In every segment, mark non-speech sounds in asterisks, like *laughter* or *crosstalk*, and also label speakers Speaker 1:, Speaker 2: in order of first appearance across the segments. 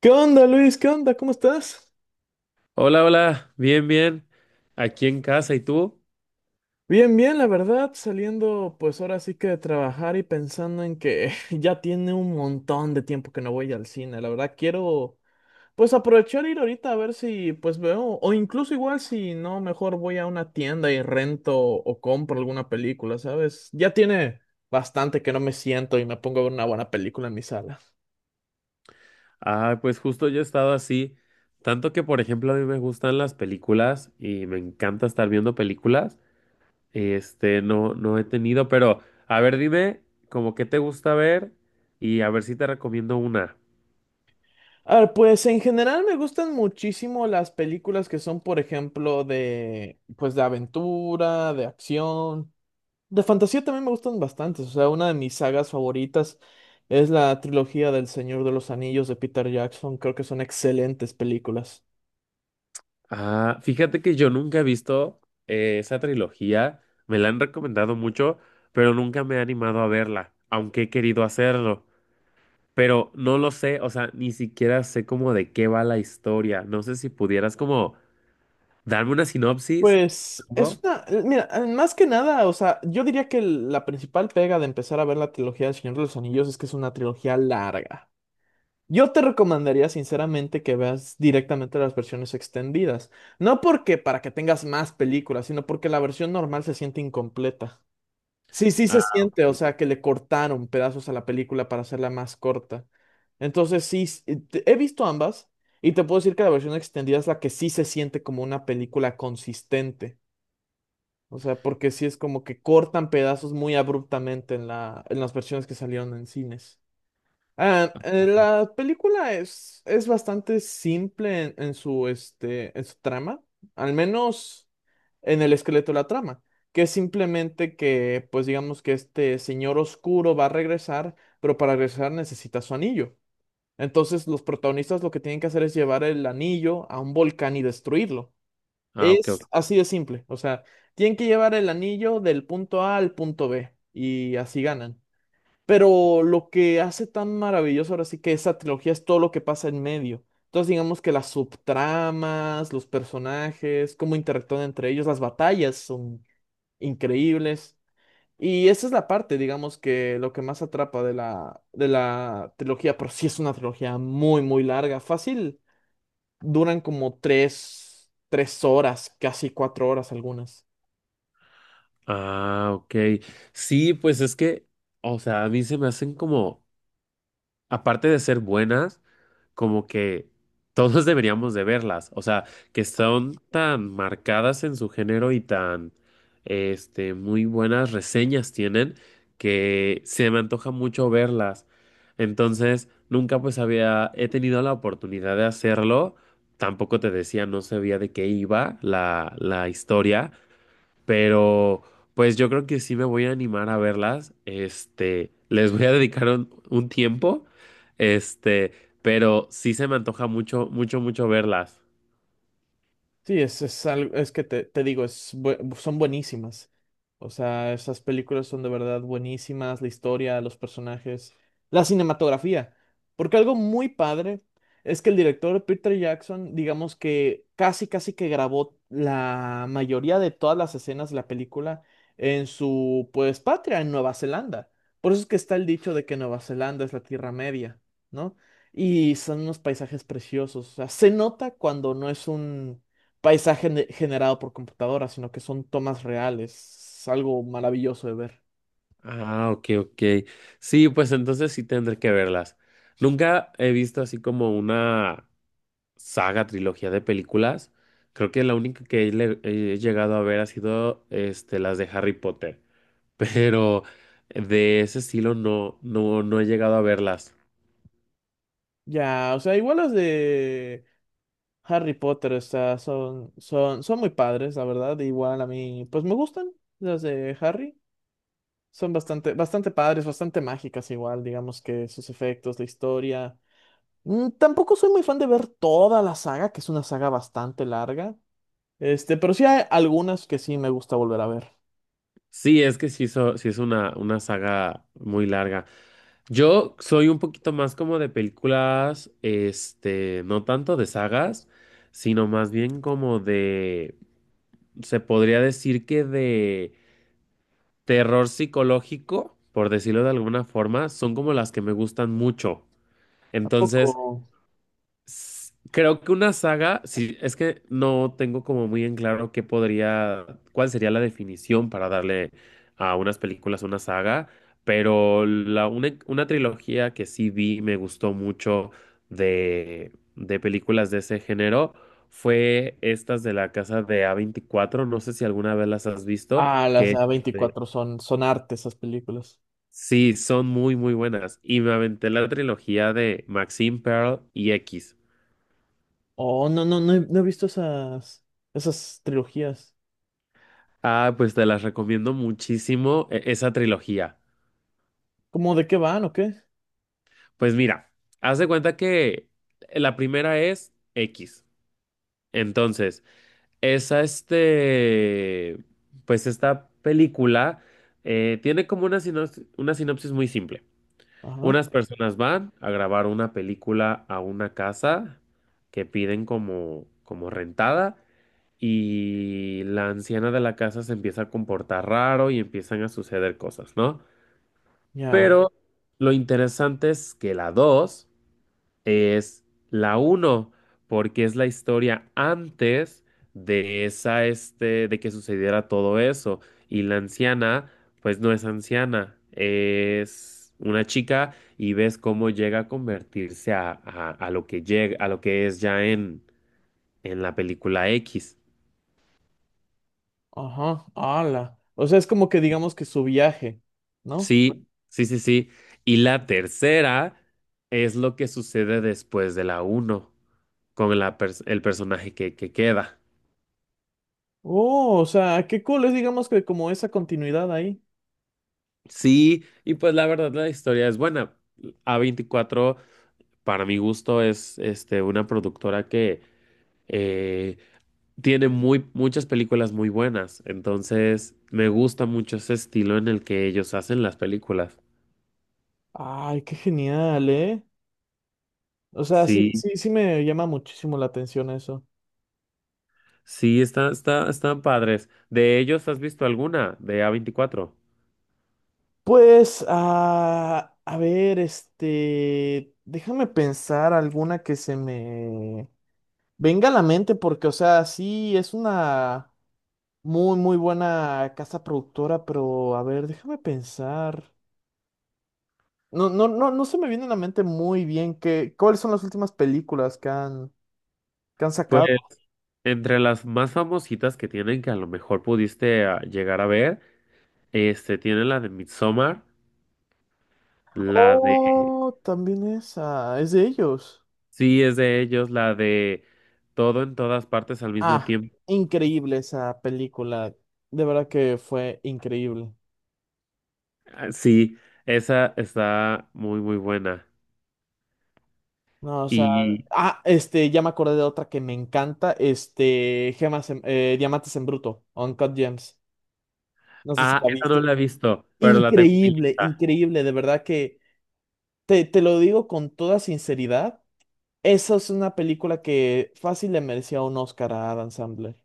Speaker 1: ¿Qué onda, Luis? ¿Qué onda? ¿Cómo estás?
Speaker 2: Hola, hola, bien, bien. Aquí en casa, ¿y tú?
Speaker 1: Bien, bien, la verdad, saliendo pues ahora sí que de trabajar y pensando en que *laughs* ya tiene un montón de tiempo que no voy al cine. La verdad, quiero pues aprovechar e ir ahorita a ver si pues veo, o incluso igual si no, mejor voy a una tienda y rento o compro alguna película, ¿sabes? Ya tiene bastante que no me siento y me pongo a ver una buena película en mi sala.
Speaker 2: Ah, pues justo yo he estado así, tanto que por ejemplo a mí me gustan las películas y me encanta estar viendo películas. No, no he tenido, pero a ver, dime, como qué te gusta ver y a ver si te recomiendo una.
Speaker 1: A ver, pues en general me gustan muchísimo las películas que son, por ejemplo, de, pues de aventura, de acción, de fantasía también me gustan bastantes. O sea, una de mis sagas favoritas es la trilogía del Señor de los Anillos de Peter Jackson. Creo que son excelentes películas.
Speaker 2: Ah, fíjate que yo nunca he visto esa trilogía, me la han recomendado mucho, pero nunca me he animado a verla, aunque he querido hacerlo. Pero no lo sé, o sea, ni siquiera sé como de qué va la historia. No sé si pudieras como darme una sinopsis.
Speaker 1: Pues es
Speaker 2: ¿No?
Speaker 1: una, mira, más que nada, o sea, yo diría que la principal pega de empezar a ver la trilogía del Señor de los Anillos es que es una trilogía larga. Yo te recomendaría sinceramente que veas directamente las versiones extendidas. No porque para que tengas más películas, sino porque la versión normal se siente incompleta. Sí, sí se
Speaker 2: Ah,
Speaker 1: siente, o
Speaker 2: ok.
Speaker 1: sea, que le cortaron pedazos a la película para hacerla más corta. Entonces, sí, he visto ambas y te puedo decir que la versión extendida es la que sí se siente como una película consistente. O sea, porque sí es como que cortan pedazos muy abruptamente en las versiones que salieron en cines. Ah, la película es bastante simple en, en su trama, al menos en el esqueleto de la trama, que es simplemente que, pues digamos que este señor oscuro va a regresar, pero para regresar necesita su anillo. Entonces los protagonistas lo que tienen que hacer es llevar el anillo a un volcán y destruirlo.
Speaker 2: Ah, ok, ok.
Speaker 1: Es así de simple, o sea, tienen que llevar el anillo del punto A al punto B y así ganan. Pero lo que hace tan maravilloso ahora sí que esa trilogía es todo lo que pasa en medio. Entonces digamos que las subtramas, los personajes, cómo interactúan entre ellos, las batallas son increíbles. Y esa es la parte, digamos, que lo que más atrapa de la trilogía, pero sí es una trilogía muy, muy larga, fácil. Duran como tres, tres horas, casi cuatro horas algunas.
Speaker 2: Ah, ok. Sí, pues es que, o sea, a mí se me hacen como aparte de ser buenas, como que todos *laughs* deberíamos de verlas, o sea, que son tan marcadas en su género y tan, muy buenas reseñas tienen que se me antoja mucho verlas. Entonces, nunca pues he tenido la oportunidad de hacerlo. Tampoco te decía, no sabía de qué iba la historia, pero pues yo creo que sí me voy a animar a verlas. Les voy a dedicar un tiempo. Este, pero sí se me antoja mucho, mucho, mucho verlas.
Speaker 1: Sí, es algo, es que te digo, es, bu- son buenísimas. O sea, esas películas son de verdad buenísimas, la historia, los personajes, la cinematografía. Porque algo muy padre es que el director Peter Jackson, digamos que casi, casi que grabó la mayoría de todas las escenas de la película en su, pues, patria, en Nueva Zelanda. Por eso es que está el dicho de que Nueva Zelanda es la Tierra Media, ¿no? Y son unos paisajes preciosos. O sea, se nota cuando no es un paisaje ne- generado por computadora, sino que son tomas reales. Es algo maravilloso de ver.
Speaker 2: Ah, ok, ok. Sí, pues entonces sí tendré que verlas. Nunca he visto así como una saga, trilogía de películas. Creo que la única que he llegado a ver ha sido las de Harry Potter. *laughs* Pero de ese estilo no, no, no he llegado a verlas.
Speaker 1: Ya, o sea, igual las de Harry Potter, o sea, son, son muy padres, la verdad. Igual a mí, pues me gustan las de Harry. Son bastante, bastante padres, bastante mágicas igual, digamos que sus efectos, la historia. Tampoco soy muy fan de ver toda la saga, que es una saga bastante larga. Este, pero sí hay algunas que sí me gusta volver a ver.
Speaker 2: Sí, es que sí, sí es una saga muy larga. Yo soy un poquito más como de películas, no tanto de sagas, sino más bien como de, se podría decir que de terror psicológico, por decirlo de alguna forma, son como las que me gustan mucho.
Speaker 1: Tampoco.
Speaker 2: Entonces, creo que una saga, sí, es que no tengo como muy en claro qué podría, cuál sería la definición para darle a unas películas una saga, pero una trilogía que sí vi, y me gustó mucho de películas de ese género, fue estas de la casa de a veinticuatro. No sé si alguna vez las has visto,
Speaker 1: Ah, las
Speaker 2: que
Speaker 1: a veinticuatro son, son arte esas películas.
Speaker 2: sí, son muy, muy buenas. Y me aventé la trilogía de Maxine Pearl y X.
Speaker 1: Oh, no, no, no he visto esas, esas trilogías.
Speaker 2: Ah, pues te las recomiendo muchísimo esa trilogía.
Speaker 1: ¿Cómo de qué van o qué?
Speaker 2: Pues mira, haz de cuenta que la primera es X. Entonces, esa este, pues esta película tiene como una sinopsis muy simple.
Speaker 1: Ajá,
Speaker 2: Unas personas van a grabar una película a una casa que piden como rentada. Y la anciana de la casa se empieza a comportar raro y empiezan a suceder cosas, ¿no?
Speaker 1: ya,
Speaker 2: Pero lo interesante es que la 2 es la uno porque es la historia antes de esa, de que sucediera todo eso. Y la anciana, pues no es anciana, es una chica y ves cómo llega a convertirse a lo que llega, a lo que es ya en la película X.
Speaker 1: ajá, ala. O sea, es como que digamos que su viaje, ¿no?
Speaker 2: Sí, sí, sí, sí. Y la tercera es lo que sucede después de la uno con el personaje que queda.
Speaker 1: Oh, o sea, qué cool es, digamos que como esa continuidad ahí.
Speaker 2: Sí, y pues la verdad la historia es buena. A veinticuatro para mi gusto, es una productora que eh, tiene muchas películas muy buenas. Entonces, me gusta mucho ese estilo en el que ellos hacen las películas.
Speaker 1: Ay, qué genial, ¿eh? O sea, sí,
Speaker 2: Sí,
Speaker 1: sí, sí me llama muchísimo la atención eso.
Speaker 2: sí, están padres. ¿De ellos has visto alguna de A veinticuatro?
Speaker 1: Pues, ah, a ver, este, déjame pensar alguna que se me... Venga a la mente porque, o sea, sí, es una muy, muy buena casa productora, pero a ver, déjame pensar. No, no, no, no se me viene a la mente muy bien que, cuáles son las últimas películas que que han
Speaker 2: Pues
Speaker 1: sacado.
Speaker 2: entre las más famositas que tienen, que a lo mejor pudiste llegar a ver, tienen la de Midsommar, la de.
Speaker 1: Oh, también esa, es de ellos.
Speaker 2: Sí, es de ellos, la de Todo en todas partes al mismo
Speaker 1: Ah,
Speaker 2: tiempo.
Speaker 1: increíble esa película. De verdad que fue increíble.
Speaker 2: Ah, sí, esa está muy, muy buena.
Speaker 1: No, o sea,
Speaker 2: Y.
Speaker 1: ah, ya me acordé de otra que me encanta, Gemas Diamantes en Bruto, Uncut Gems. No sé si
Speaker 2: Ah,
Speaker 1: la
Speaker 2: esa no
Speaker 1: viste.
Speaker 2: la he visto, pero la tengo en mi
Speaker 1: Increíble,
Speaker 2: lista.
Speaker 1: increíble, de verdad que te lo digo con toda sinceridad. Esa es una película que fácil le merecía un Oscar a Adam Sandler.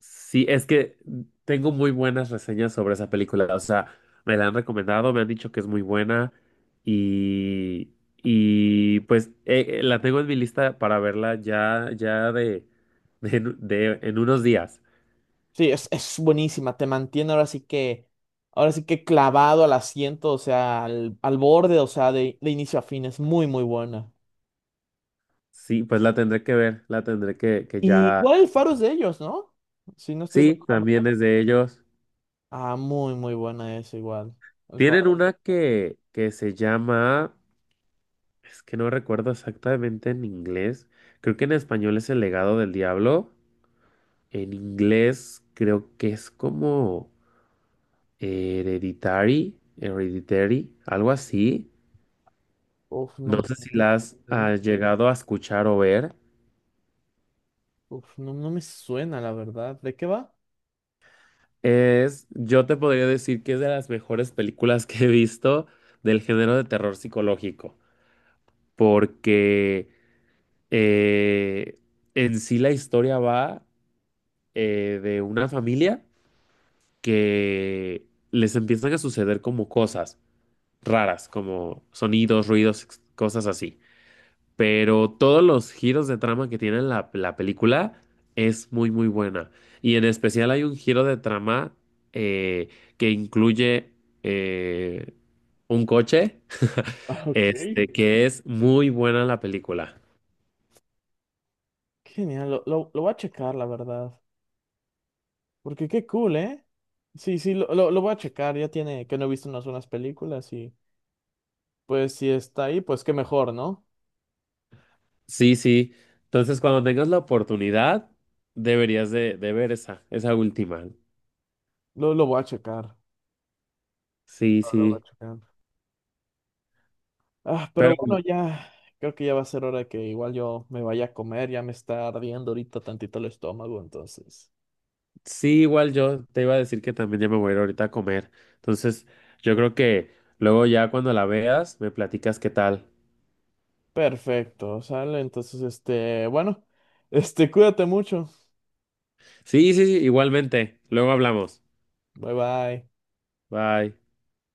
Speaker 2: Sí, es que tengo muy buenas reseñas sobre esa película. O sea, me la han recomendado, me han dicho que es muy buena y, y pues la tengo en mi lista para verla ya, ya en unos días.
Speaker 1: Sí, es buenísima, te mantiene ahora sí que clavado al asiento, o sea, al, al borde, o sea, de inicio a fin, es muy, muy buena.
Speaker 2: Sí, pues la tendré que ver, la tendré que
Speaker 1: Y
Speaker 2: ya.
Speaker 1: igual El Faro es de ellos, ¿no? Si no estoy
Speaker 2: Sí,
Speaker 1: recordando mal.
Speaker 2: también es de ellos.
Speaker 1: Ah, muy, muy buena esa igual. El
Speaker 2: Tienen
Speaker 1: Faro.
Speaker 2: una que se llama, es que no recuerdo exactamente en inglés, creo que en español es El legado del diablo. En inglés creo que es como hereditary, hereditary, algo así.
Speaker 1: Uf, no
Speaker 2: No
Speaker 1: me...
Speaker 2: sé si
Speaker 1: acuerdo.
Speaker 2: las has llegado a escuchar o ver.
Speaker 1: Uf, no, no me suena, la verdad. ¿De qué va?
Speaker 2: Yo te podría decir que es de las mejores películas que he visto del género de terror psicológico, porque eh, en sí la historia va de una familia que les empiezan a suceder como cosas raras, como sonidos, ruidos, cosas así. Pero todos los giros de trama que tiene la película es muy, muy buena. Y en especial hay un giro de trama eh, que incluye eh, un coche, *laughs*
Speaker 1: Ah, ok. Qué
Speaker 2: que es muy buena la película.
Speaker 1: genial, lo, lo voy a checar, la verdad. Porque qué cool, ¿eh? Sí, sí, lo, lo voy a checar. Ya tiene que no he visto unas películas y pues si está ahí, pues qué mejor, ¿no?
Speaker 2: Sí, sí. Entonces, cuando tengas la oportunidad, deberías de ver esa última.
Speaker 1: Lo, voy a checar.
Speaker 2: Sí,
Speaker 1: Lo, voy a
Speaker 2: sí.
Speaker 1: checar. Ah, pero
Speaker 2: Pero
Speaker 1: bueno, creo que ya va a ser hora de que igual yo me vaya a comer. Ya me está ardiendo ahorita tantito el estómago, entonces.
Speaker 2: sí, igual yo te iba a decir que también ya me voy a ir ahorita a comer. Entonces, yo creo que luego ya cuando la veas, me platicas qué tal.
Speaker 1: Perfecto, sale. Entonces, bueno, cuídate mucho.
Speaker 2: Sí, sí, sí, igualmente. Luego hablamos.
Speaker 1: Bye bye.
Speaker 2: Bye.